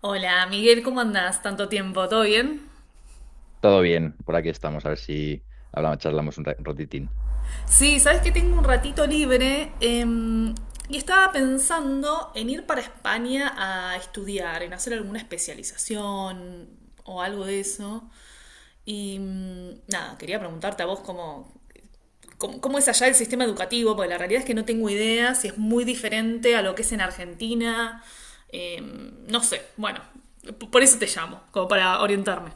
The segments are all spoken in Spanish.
Hola, Miguel, ¿cómo andás? Tanto tiempo, ¿todo bien? Todo bien, por aquí estamos, a ver si hablamos, charlamos un ratitín. Sí, sabes que tengo un ratito libre y estaba pensando en ir para España a estudiar, en hacer alguna especialización o algo de eso. Y nada, quería preguntarte a vos cómo es allá el sistema educativo, porque la realidad es que no tengo idea si es muy diferente a lo que es en Argentina. No sé, bueno, por eso te llamo, como para orientarme.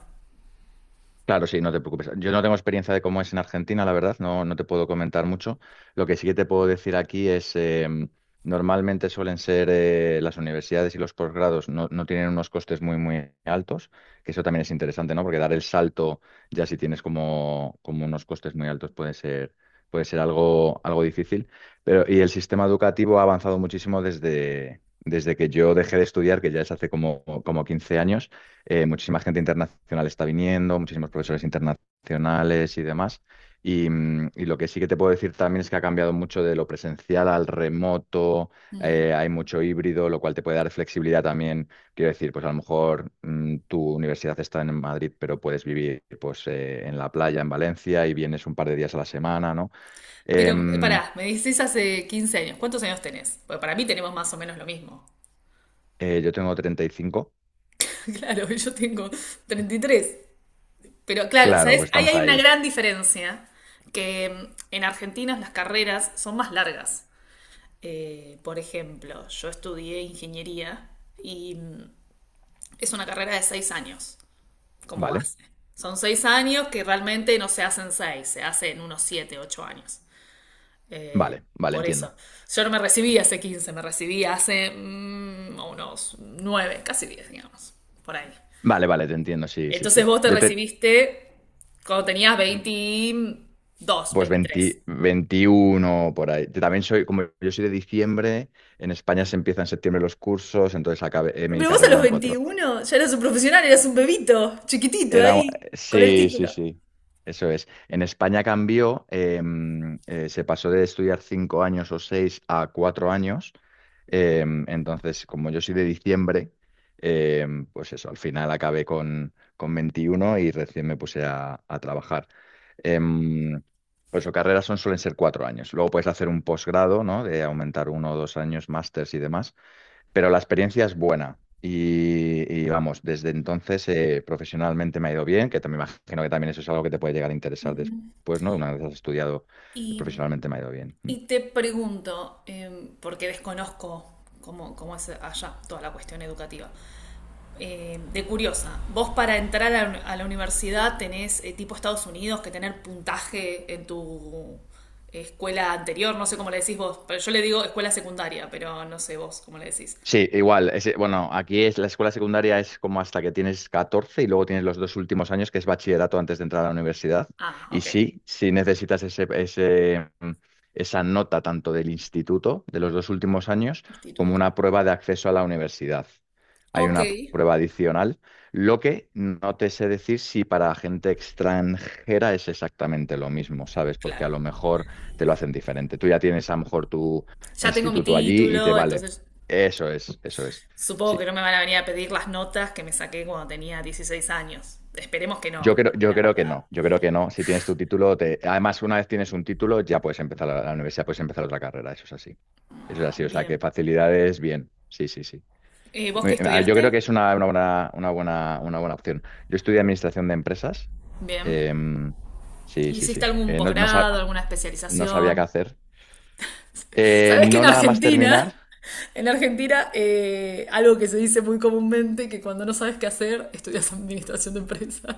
Claro, sí, no te preocupes. Yo no tengo experiencia de cómo es en Argentina, la verdad, no te puedo comentar mucho. Lo que sí que te puedo decir aquí es, normalmente suelen ser las universidades y los posgrados no tienen unos costes muy, muy altos, que eso también es interesante, ¿no? Porque dar el salto, ya si tienes como unos costes muy altos, puede ser algo difícil. Pero, y el sistema educativo ha avanzado muchísimo desde que yo dejé de estudiar, que ya es hace como 15 años. Muchísima gente internacional está viniendo, muchísimos profesores internacionales y demás. Y lo que sí que te puedo decir también es que ha cambiado mucho de lo presencial al remoto. Hay mucho híbrido, lo cual te puede dar flexibilidad también. Quiero decir, pues a lo mejor tu universidad está en Madrid, pero puedes vivir pues, en la playa, en Valencia, y vienes un par de días a la semana, ¿no? Pero Em, pará, me decís hace 15 años, ¿cuántos años tenés? Porque para mí tenemos más o menos lo mismo. yo tengo 35. Claro, yo tengo 33. Pero claro, Claro, ¿sabés? pues Ahí estamos hay una ahí. gran diferencia, que en Argentina las carreras son más largas. Por ejemplo, yo estudié ingeniería y es una carrera de 6 años como Vale, base. Son 6 años que realmente no se hacen 6, se hacen unos 7, 8 años. Eh, vale, vale, por entiendo. eso. Yo no me recibí hace 15, me recibí hace unos 9, casi 10, digamos, por ahí. Vale, vale, te entiendo, sí, sí, Entonces sí. vos te recibiste cuando tenías 22, Pues 23. 20 21 por ahí. Yo también soy, como yo soy de diciembre, en España se empiezan en septiembre los cursos, entonces acabé, mi Pero vos a carrera los eran cuatro. 21 ya eras un profesional, eras un bebito, chiquitito Era, ahí, con el sí, sí, título. sí, eso es. En España cambió. Se pasó de estudiar 5 años o seis a 4 años. Entonces, como yo soy de diciembre, eh, pues eso, al final acabé con 21 y recién me puse a trabajar. em, pues o carreras son, suelen ser 4 años. Luego puedes hacer un posgrado, ¿no? De aumentar uno o dos años, másters y demás. Pero la experiencia es buena. Vamos, desde entonces profesionalmente me ha ido bien, que también me imagino que también eso es algo que te puede llegar a interesar después, ¿no? Una vez has estudiado, Y, profesionalmente me ha ido bien. y te pregunto, porque desconozco cómo es allá toda la cuestión educativa. De curiosa, vos para entrar a la universidad tenés tipo Estados Unidos que tener puntaje en tu escuela anterior, no sé cómo le decís vos, pero yo le digo escuela secundaria, pero no sé vos cómo le decís. Sí, igual. Bueno, aquí es la escuela secundaria es como hasta que tienes 14 y luego tienes los dos últimos años, que es bachillerato antes de entrar a la universidad. Ah, Y ok, sí, sí necesitas ese, esa nota tanto del instituto, de los dos últimos años, como instituto. una prueba de acceso a la universidad. Hay Ok, una prueba adicional, lo que no te sé decir si para gente extranjera es exactamente lo mismo, ¿sabes? Porque claro. a lo mejor te lo hacen diferente. Tú ya tienes a lo mejor tu Ya tengo mi instituto allí y te título, vale. entonces Eso es, eso es. supongo que Sí. no me van a venir a pedir las notas que me saqué cuando tenía 16 años. Esperemos que Yo no, creo, porque yo la creo que verdad. no, yo creo que no. Si tienes tu título, además, una vez tienes un título, ya puedes empezar la universidad, puedes empezar otra carrera, eso es así. Eso es así, o sea, que Bien. facilidades, bien. Sí, sí, sí. ¿Vos qué Ah, yo creo que estudiaste? es una buena opción. Yo estudié administración de empresas. Bien. em, sí, sí, ¿Hiciste sí. algún Eh, no, no sa- posgrado, alguna no sabía qué especialización? hacer. Sabes que No en nada más terminar. Argentina, en Argentina, algo que se dice muy comúnmente, que cuando no sabes qué hacer, estudias administración de empresas.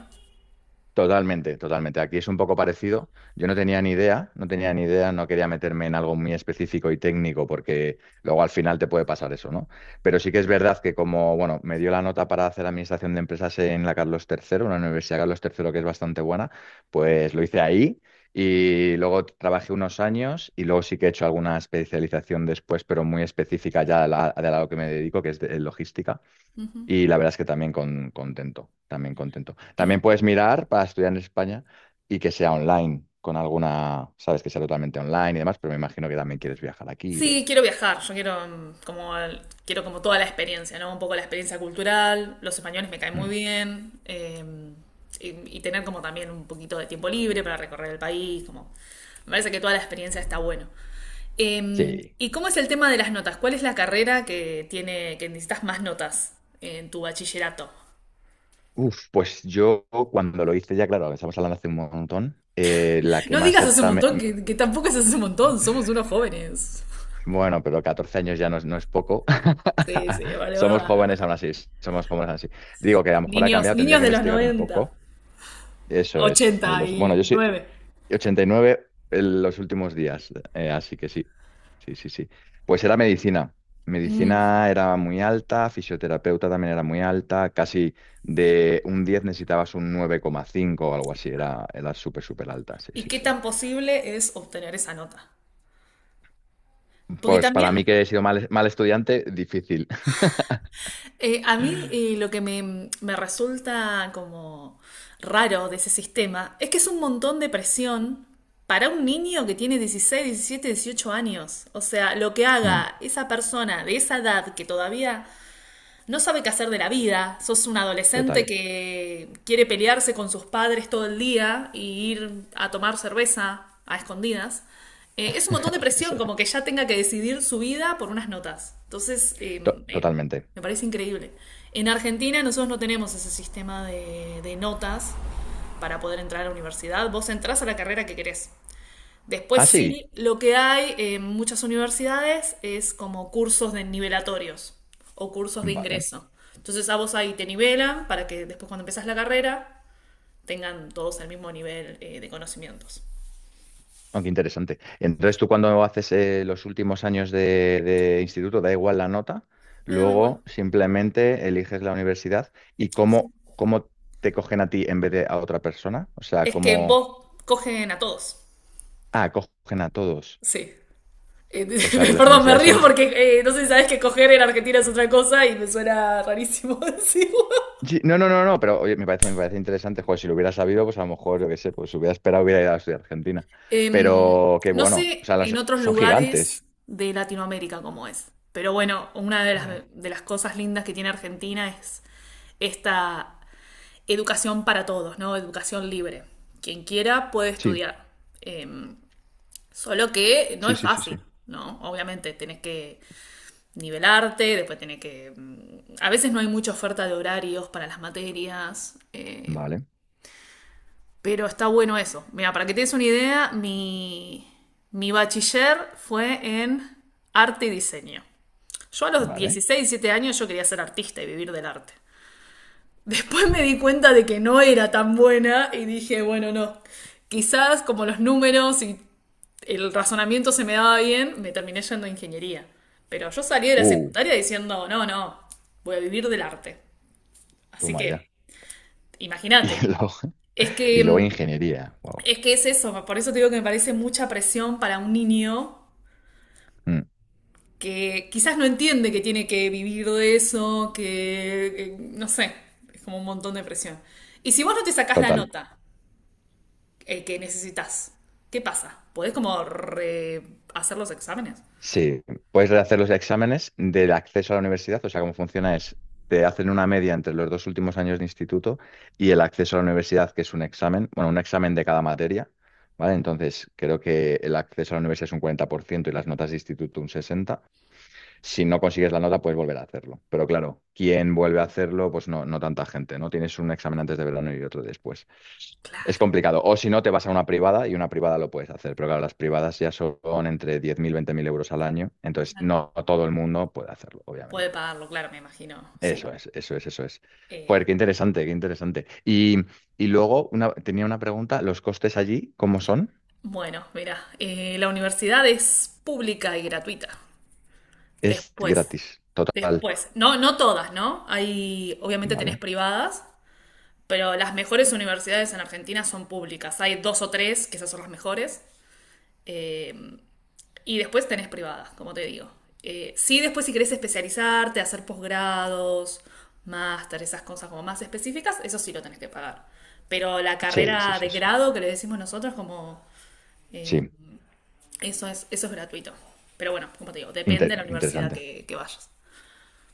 Totalmente, totalmente. Aquí es un poco parecido. Yo no tenía ni idea, no tenía ni idea, no quería meterme en algo muy específico y técnico porque luego al final te puede pasar eso, ¿no? Pero sí que es verdad que como, bueno, me dio la nota para hacer administración de empresas en la Carlos III, una universidad Carlos III que es bastante buena, pues lo hice ahí y luego trabajé unos años y luego sí que he hecho alguna especialización después, pero muy específica ya de la, que me dedico, que es en logística. Ujú. Y la verdad es que también contento, también contento. Eh, También puedes mirar para estudiar en España y que sea online, con alguna, sabes, que sea totalmente online y demás, pero me imagino que también quieres viajar aquí y sí, demás. quiero viajar, yo quiero como, quiero como toda la experiencia, ¿no? Un poco la experiencia cultural, los españoles me caen muy Mm, bien, y tener como también un poquito de tiempo libre para recorrer el país, como, me parece que toda la experiencia está bueno. Eh, sí. ¿y cómo es el tema de las notas? ¿Cuál es la carrera que tiene, que necesitas más notas en tu bachillerato? Uf, pues yo cuando lo hice ya, claro, estamos hablando hace un montón, la que No más digas hace un era. Montón, que tampoco es hace un montón, somos unos jóvenes. Bueno, pero 14 años ya no es poco. Sí, sí, vale, es Somos verdad, es verdad. jóvenes aún así, somos jóvenes aún así. Digo que a lo mejor ha Niños, cambiado, tendría niños que de los investigar un 90, poco. Eso es, de los. Bueno, yo sí. 89. Y 89 en los últimos días. Así que sí, sí, sí, sí. Pues era medicina. Mm. Medicina era muy alta, fisioterapeuta también era muy alta, casi de un 10 necesitabas un 9,5 o algo así, era súper, súper alta, sí, ¿Y sí, qué sí. tan posible es obtener esa nota? Porque Pues también para mí que he sido mal, mal estudiante, difícil. A mí lo que me resulta como raro de ese sistema es que es un montón de presión para un niño que tiene 16, 17, 18 años. O sea, lo que Mm, haga esa persona de esa edad que todavía no sabe qué hacer de la vida. Sos un adolescente total, que quiere pelearse con sus padres todo el día y ir a tomar cerveza a escondidas. Es un montón de presión, eso, como que ya tenga que decidir su vida por unas notas. Entonces, me, totalmente. me parece increíble. En Argentina nosotros no tenemos ese sistema de notas para poder entrar a la universidad. Vos entrás a la carrera que querés. Después Ah, sí, sí, lo que hay en muchas universidades es como cursos de nivelatorios o cursos de vale. ingreso. Entonces a vos ahí te nivelan para que después cuando empezás la carrera tengan todos el mismo nivel de conocimientos. Aunque interesante. Entonces, tú cuando haces los últimos años de instituto, da igual la nota, Me da igual, luego simplemente eliges la universidad y sí. cómo te cogen a ti en vez de a otra persona. O sea, Es que cómo. vos cogen a todos. Ah, cogen a todos. Sí. Eh, O sea, que las Perdón, me universidades son. río porque no sé si sabés que coger en Argentina es otra cosa y me suena rarísimo decirlo. Sí, no, no, no, no, pero oye, me parece interesante. Joder, si lo hubiera sabido, pues a lo mejor, yo qué sé, pues hubiera esperado, hubiera ido a estudiar a Argentina. Em, Pero qué no bueno. O sé sea, en otros son lugares gigantes. de Latinoamérica cómo es, pero bueno, una de las, Ya. de las cosas lindas que tiene Argentina es esta educación para todos, ¿no? Educación libre. Quien quiera puede Sí, estudiar. Em, solo que no sí, es sí, sí, sí. fácil, ¿no? Obviamente tenés que nivelarte, después tenés que a veces no hay mucha oferta de horarios para las materias. em, Vale, pero está bueno eso. Mira, para que te des una idea, mi bachiller fue en arte y diseño. Yo a los vale. 16 17 años yo quería ser artista y vivir del arte. Después me di cuenta de que no era tan buena y dije, bueno, no. Quizás como los números y el razonamiento se me daba bien, me terminé yendo a ingeniería. Pero yo salí de la Uh, secundaria diciendo, no, no, voy a vivir del arte. Así Toma ya. que Y imagínate. luego, Es y que luego mm, ingeniería. Wow. Es que es eso, por eso te digo que me parece mucha presión para un niño Mm, que quizás no entiende que tiene que vivir de eso, que no sé, es como un montón de presión. Y si vos no te sacás la total. nota que necesitas, ¿qué pasa? ¿Podés como hacer los exámenes? Sí, puedes rehacer los exámenes del acceso a la universidad. O sea, cómo funciona es, te hacen una media entre los dos últimos años de instituto y el acceso a la universidad, que es un examen, bueno, un examen de cada materia. ¿Vale? Entonces, creo que el acceso a la universidad es un 40% y las notas de instituto un 60%. Si no consigues la nota, puedes volver a hacerlo. Pero claro, ¿quién vuelve a hacerlo? Pues no tanta gente, ¿no? Tienes un examen antes de verano y otro después. Es Claro, complicado. O si no, te vas a una privada y una privada lo puedes hacer. Pero claro, las privadas ya son entre 10.000 20.000 euros al año. Entonces, claro. no todo el mundo puede hacerlo, Puede obviamente. pagarlo, claro, me imagino, sí. Eso es, eso es, eso es. Joder, Eh, qué interesante, qué interesante. Y luego una, tenía una pregunta. ¿Los costes allí, cómo son? bueno, mira, la universidad es pública y gratuita. Es Después, gratis, total. después. No, no todas, ¿no? Hay, obviamente tenés ¿Vale? privadas, pero las mejores universidades en Argentina son públicas. Hay dos o tres, que esas son las mejores. eh, y después tenés privadas, como te digo. Sí, después si querés especializarte, hacer posgrados, máster, esas cosas como más específicas, eso sí lo tenés que pagar. Pero la Sí, sí, carrera de sí. Sí, grado que le decimos nosotros, como eh, sí, eso es gratuito. Pero bueno, como te digo, depende de la universidad interesante. que vayas.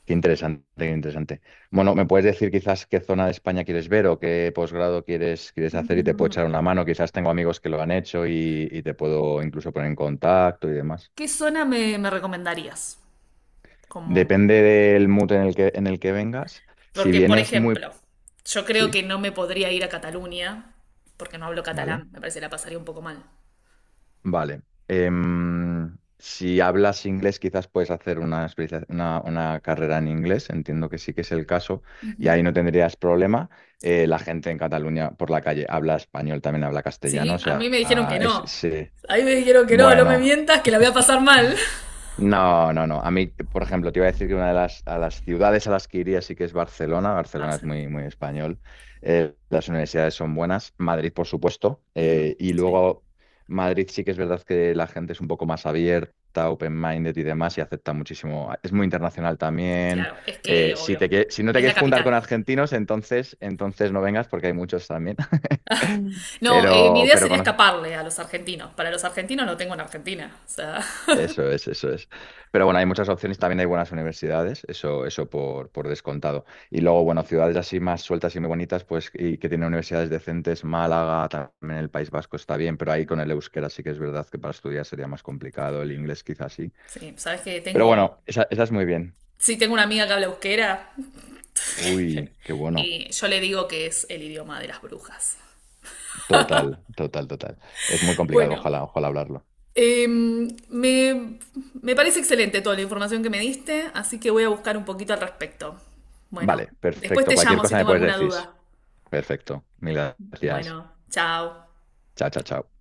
Qué interesante, qué interesante. Bueno, ¿me puedes decir quizás qué zona de España quieres ver o qué posgrado quieres hacer y te puedo echar una mano? Quizás tengo amigos que lo han hecho y te puedo incluso poner en contacto y demás. ¿Qué zona me recomendarías? Como, Depende del mood en el que vengas. Si porque, por vienes muy. ejemplo, yo creo Sí, que no me podría ir a Cataluña, porque no hablo vale. catalán, me parece que la pasaría un poco mal. Vale. Si hablas inglés, quizás puedes hacer una carrera en inglés, entiendo que sí que es el caso, y ahí no tendrías problema. La gente en Cataluña por la calle habla español, también habla castellano, Sí, o a sea, mí me dijeron ah, que es, no. sí. A mí me dijeron que no, no me Bueno. mientas, que la voy a pasar mal. No, no, no. A mí, por ejemplo, te iba a decir que una de las, a las ciudades a las que iría sí que es Barcelona. Barcelona es Barcen. muy, muy español. Las universidades son buenas. Madrid, por supuesto. Mm, Y sí, luego Madrid sí que es verdad que la gente es un poco más abierta, open-minded y demás, y acepta muchísimo. Es muy internacional también. claro, es que Si obvio, te, si no te es la quieres juntar capital. con argentinos, entonces no vengas porque hay muchos también. No, mi Pero, idea pero sería conoces. escaparle a los argentinos. Para los argentinos no tengo en Argentina. O sea, Eso es, eso es. Pero bueno, hay muchas opciones, también hay buenas universidades, eso por descontado. Y luego, bueno, ciudades así más sueltas y muy bonitas, pues, y que tienen universidades decentes, Málaga, también el País Vasco está bien, pero ahí con el euskera sí que es verdad que para estudiar sería más complicado, el inglés quizás sí. sí, sabes que Pero tengo, bueno, esa es muy bien. sí tengo una amiga que habla euskera. Uy, qué bueno. Yo le digo que es el idioma de las brujas. Total, total, total. Es muy complicado, Bueno, ojalá, ojalá hablarlo. eh, me, me parece excelente toda la información que me diste, así que voy a buscar un poquito al respecto. Bueno, Vale, después perfecto. te Cualquier llamo si cosa me tengo puedes alguna decir. duda. Perfecto. Mil gracias. Bueno, chao. Chao, chao, chao.